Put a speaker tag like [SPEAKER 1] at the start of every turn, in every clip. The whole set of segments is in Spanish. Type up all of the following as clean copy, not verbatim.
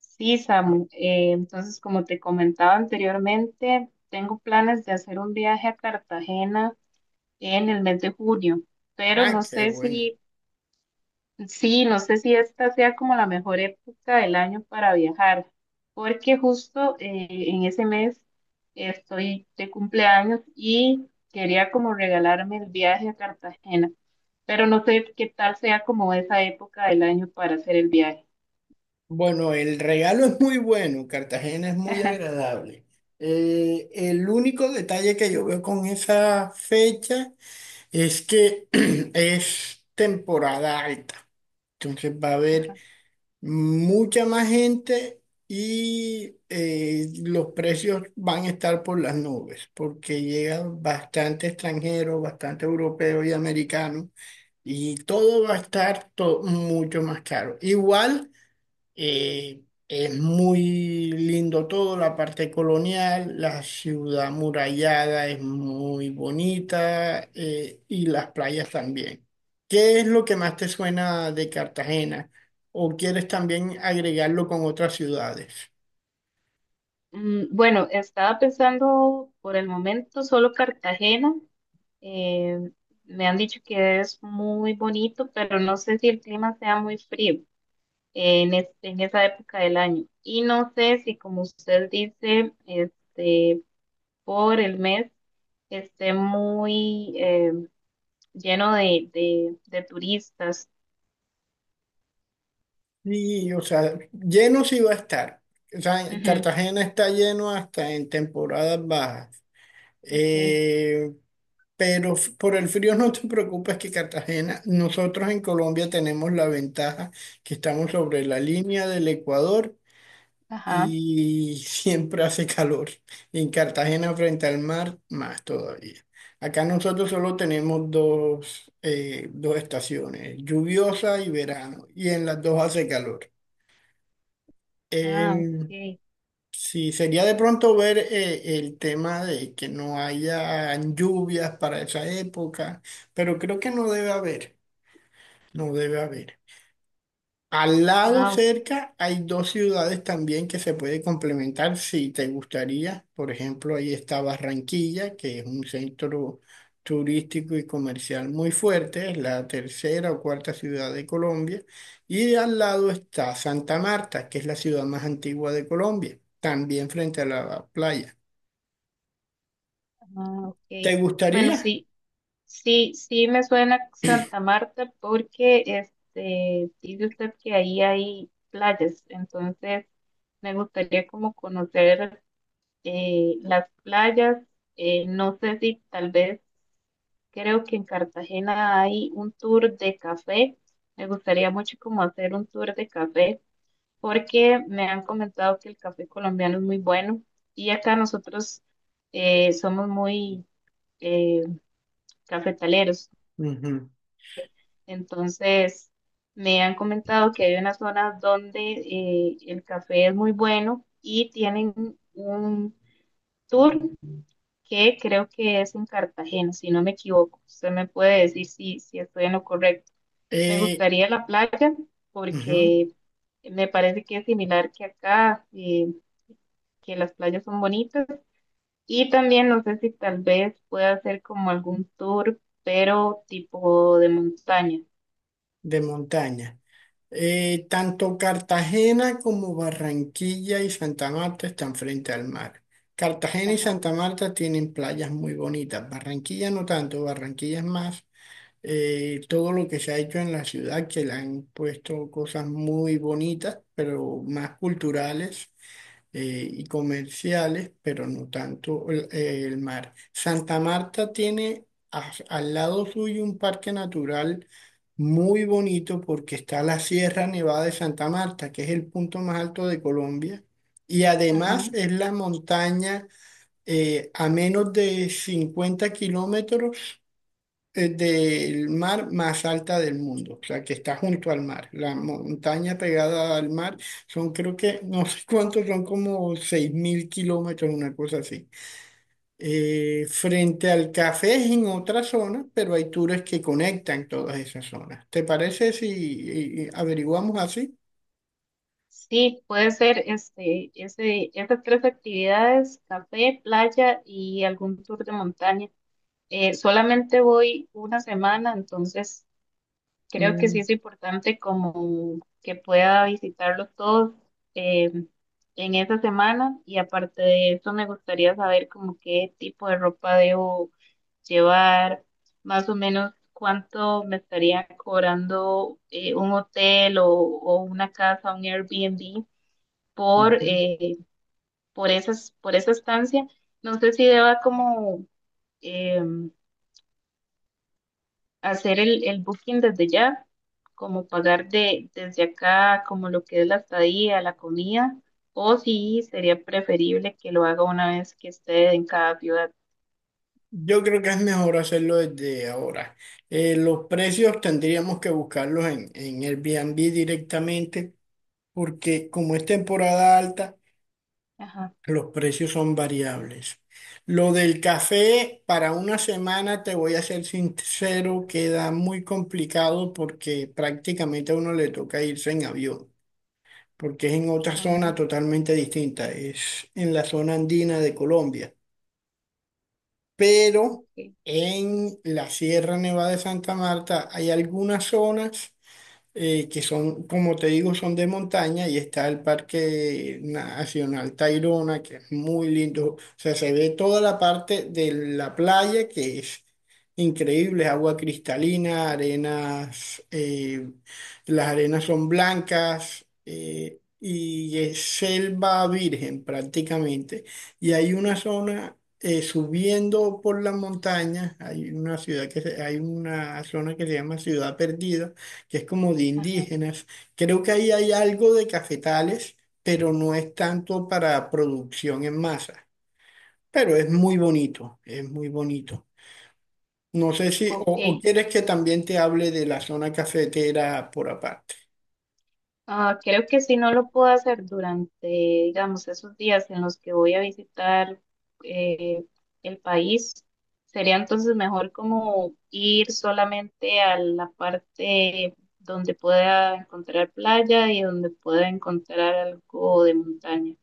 [SPEAKER 1] Sí, Samu. Entonces, como te comentaba anteriormente, tengo planes de hacer un viaje a Cartagena en el mes de junio, pero
[SPEAKER 2] Ah, qué bueno.
[SPEAKER 1] no sé si esta sea como la mejor época del año para viajar, porque justo en ese mes estoy de cumpleaños y quería como regalarme el viaje a Cartagena, pero no sé qué tal sea como esa época del año para hacer el viaje.
[SPEAKER 2] Bueno, el regalo es muy bueno, Cartagena es muy agradable. El único detalle que yo veo con esa fecha es que es temporada alta. Entonces va a haber mucha más gente y los precios van a estar por las nubes, porque llegan bastante extranjeros, bastante europeos y americanos y todo va a estar mucho más caro. Igual. Eh, es muy lindo todo, la parte colonial, la ciudad amurallada es muy bonita y las playas también. ¿Qué es lo que más te suena de Cartagena? ¿O quieres también agregarlo con otras ciudades?
[SPEAKER 1] Bueno, estaba pensando por el momento solo Cartagena. Eh, Me han dicho que es muy bonito, pero no sé si el clima sea muy frío en esa época del año. Y no sé si, como usted dice, este, por el mes esté muy lleno de turistas.
[SPEAKER 2] Sí, o sea, lleno sí va a estar. O sea, Cartagena está lleno hasta en temporadas bajas.
[SPEAKER 1] Ujú, ok,
[SPEAKER 2] Eh, Pero por el frío no te preocupes, que Cartagena, nosotros en Colombia tenemos la ventaja que estamos sobre la línea del Ecuador
[SPEAKER 1] ajá,
[SPEAKER 2] y siempre hace calor. Y en Cartagena frente al mar, más todavía. Acá nosotros solo tenemos dos, dos estaciones, lluviosa y verano, y en las dos hace calor.
[SPEAKER 1] ah, ok,
[SPEAKER 2] Sí, sería de pronto ver el tema de que no haya lluvias para esa época, pero creo que no debe haber, no debe haber. Al lado
[SPEAKER 1] ah,
[SPEAKER 2] cerca hay dos ciudades también que se puede complementar si te gustaría. Por ejemplo, ahí está Barranquilla, que es un centro turístico y comercial muy fuerte, es la tercera o cuarta ciudad de Colombia. Y al lado está Santa Marta, que es la ciudad más antigua de Colombia, también frente a la playa.
[SPEAKER 1] ah,
[SPEAKER 2] ¿Te
[SPEAKER 1] ok. Bueno,
[SPEAKER 2] gustaría?
[SPEAKER 1] sí. Sí, sí me suena Santa Marta porque este dice usted que ahí hay playas, entonces me gustaría como conocer las playas. No sé si tal vez creo que en Cartagena hay un tour de café. Me gustaría mucho como hacer un tour de café porque me han comentado que el café colombiano es muy bueno y acá nosotros somos muy eh, cafetaleros.
[SPEAKER 2] Ujú.
[SPEAKER 1] Entonces, me han comentado que hay unas zonas donde el café es muy bueno y tienen un tour que creo que es en Cartagena, si no me equivoco. Usted me puede decir si estoy en lo correcto. Me
[SPEAKER 2] Eh,
[SPEAKER 1] gustaría la playa
[SPEAKER 2] ujú.
[SPEAKER 1] porque me parece que es similar que acá, que las playas son bonitas. Y también no sé si tal vez pueda hacer como algún tour, pero tipo de montaña.
[SPEAKER 2] De montaña. Tanto Cartagena como Barranquilla y Santa Marta están frente al mar. Cartagena y
[SPEAKER 1] Ajá,
[SPEAKER 2] Santa Marta tienen playas muy bonitas. Barranquilla no tanto, Barranquilla es más todo lo que se ha hecho en la ciudad, que le han puesto cosas muy bonitas, pero más culturales y comerciales, pero no tanto el mar. Santa Marta tiene al lado suyo un parque natural muy bonito porque está la Sierra Nevada de Santa Marta, que es el punto más alto de Colombia, y
[SPEAKER 1] ajá.
[SPEAKER 2] además es la montaña a menos de 50 km del mar más alta del mundo, o sea, que está junto al mar. La montaña pegada al mar son, creo que, no sé cuántos, son como 6000 km, una cosa así. Frente al café es en otra zona, pero hay tours que conectan todas esas zonas. ¿Te parece si averiguamos así?
[SPEAKER 1] Sí, puede ser esas tres actividades, café, playa y algún tour de montaña. Solamente voy una semana, entonces creo que sí
[SPEAKER 2] Mm,
[SPEAKER 1] es importante como que pueda visitarlo todo eh, en esa semana y aparte de eso me gustaría saber como qué tipo de ropa debo llevar, más o menos cuánto me estaría cobrando un hotel o una casa, un Airbnb por,
[SPEAKER 2] ujú.
[SPEAKER 1] eh, por por esa estancia. No sé si deba como eh, hacer el booking desde ya, como pagar desde acá, como lo que es la estadía, la comida, o si sería preferible que lo haga una vez que esté en cada ciudad.
[SPEAKER 2] Yo creo que es mejor hacerlo desde ahora. Los precios tendríamos que buscarlos en Airbnb directamente porque como es temporada alta,
[SPEAKER 1] Ajá,
[SPEAKER 2] los precios son variables. Lo del café, para una semana, te voy a ser sincero, queda muy complicado porque prácticamente a uno le toca irse en avión, porque es en otra
[SPEAKER 1] ajá,
[SPEAKER 2] zona totalmente distinta, es en la zona andina de Colombia. Pero
[SPEAKER 1] ok.
[SPEAKER 2] en la Sierra Nevada de Santa Marta hay algunas zonas que son, como te digo, son de montaña y está el Parque Nacional Tayrona, que es muy lindo. O sea, se ve toda la parte de la playa, que es increíble, es agua cristalina, arenas, las arenas son blancas. Y es selva virgen prácticamente. Y hay una zona subiendo por la montaña, hay una ciudad que hay una zona que se llama Ciudad Perdida, que es como de
[SPEAKER 1] Ajá.
[SPEAKER 2] indígenas. Creo que ahí hay algo de cafetales, pero no es tanto para producción en masa. Pero es muy bonito, es muy bonito. No sé si,
[SPEAKER 1] Ok.
[SPEAKER 2] o quieres que también te hable de la zona cafetera por aparte.
[SPEAKER 1] Ah, creo que si no lo puedo hacer durante, digamos, esos días en los que voy a visitar eh, el país, sería entonces mejor como ir solamente a la parte donde pueda encontrar playa y donde pueda encontrar algo de montaña.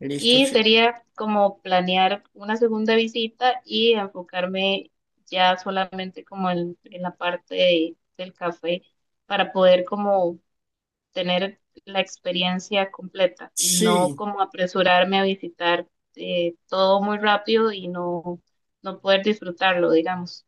[SPEAKER 2] Listo,
[SPEAKER 1] Y
[SPEAKER 2] sí.
[SPEAKER 1] sería como planear una segunda visita y enfocarme ya solamente como en la parte de- del café para poder como tener la experiencia completa y no
[SPEAKER 2] Sí,
[SPEAKER 1] como apresurarme a visitar todo muy rápido y no poder disfrutarlo, digamos.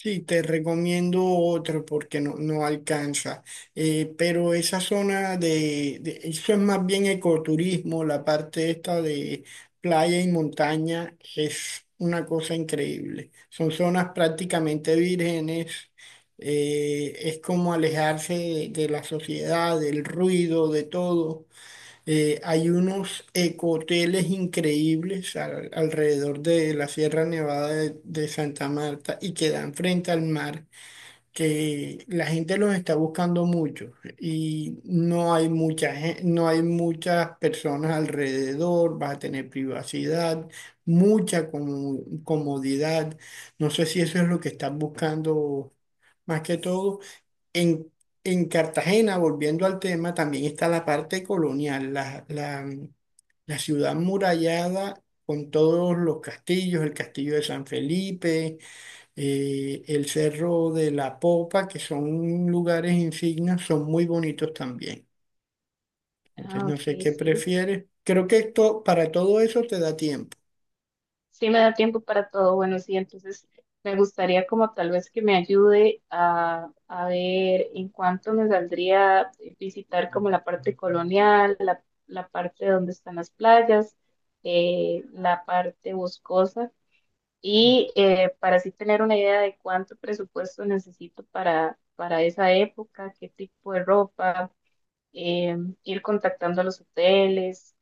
[SPEAKER 2] sí, te recomiendo otro porque no, no alcanza. Pero esa zona de, eso es más bien ecoturismo, la parte esta de playa y montaña es una cosa increíble. Son zonas prácticamente vírgenes, es como alejarse de la sociedad, del ruido, de todo. Hay unos ecoteles increíbles alrededor de la Sierra Nevada de Santa Marta y que dan frente al mar, que la gente los está buscando mucho y no hay mucha, no hay muchas personas alrededor, vas a tener privacidad, mucha comodidad. No sé si eso es lo que estás buscando más que todo. En, en Cartagena, volviendo al tema, también está la parte colonial, la ciudad murallada con todos los castillos, el castillo de San Felipe, el Cerro de la Popa, que son lugares insignias, son muy bonitos también. Entonces,
[SPEAKER 1] Ah,
[SPEAKER 2] no
[SPEAKER 1] ok,
[SPEAKER 2] sé qué
[SPEAKER 1] sí.
[SPEAKER 2] prefieres. Creo que esto, para todo eso te da tiempo.
[SPEAKER 1] Sí me da tiempo para todo. Bueno, sí, entonces me gustaría como tal vez que me ayude a ver en cuánto me saldría visitar como la parte colonial, la parte donde están las playas, la parte boscosa. Y para así tener una idea de cuánto presupuesto necesito para esa época, qué tipo de ropa, eh, ir contactando a los hoteles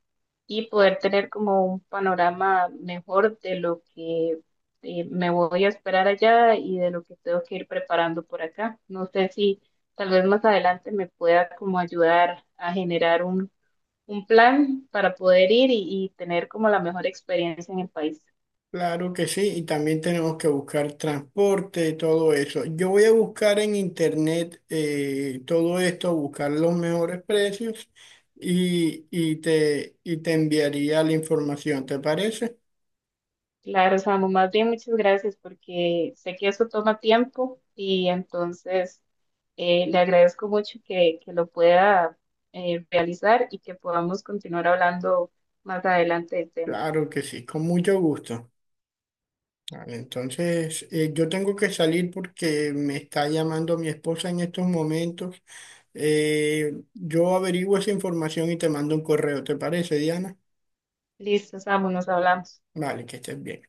[SPEAKER 1] y poder tener como un panorama mejor de lo que me voy a esperar allá y de lo que tengo que ir preparando por acá. No sé si tal vez más adelante me pueda como ayudar a generar un plan para poder ir y tener como la mejor experiencia en el país.
[SPEAKER 2] Claro que sí, y también tenemos que buscar transporte, todo eso. Yo voy a buscar en internet todo esto, buscar los mejores precios y te enviaría la información, ¿te parece?
[SPEAKER 1] Claro, Samu, más bien muchas gracias porque sé que eso toma tiempo y entonces le agradezco mucho que lo pueda realizar y que podamos continuar hablando más adelante del tema.
[SPEAKER 2] Claro que sí, con mucho gusto. Vale, entonces, yo tengo que salir porque me está llamando mi esposa en estos momentos. Yo averiguo esa información y te mando un correo, ¿te parece, Diana?
[SPEAKER 1] Listo, Samu, nos hablamos.
[SPEAKER 2] Vale, que estés bien.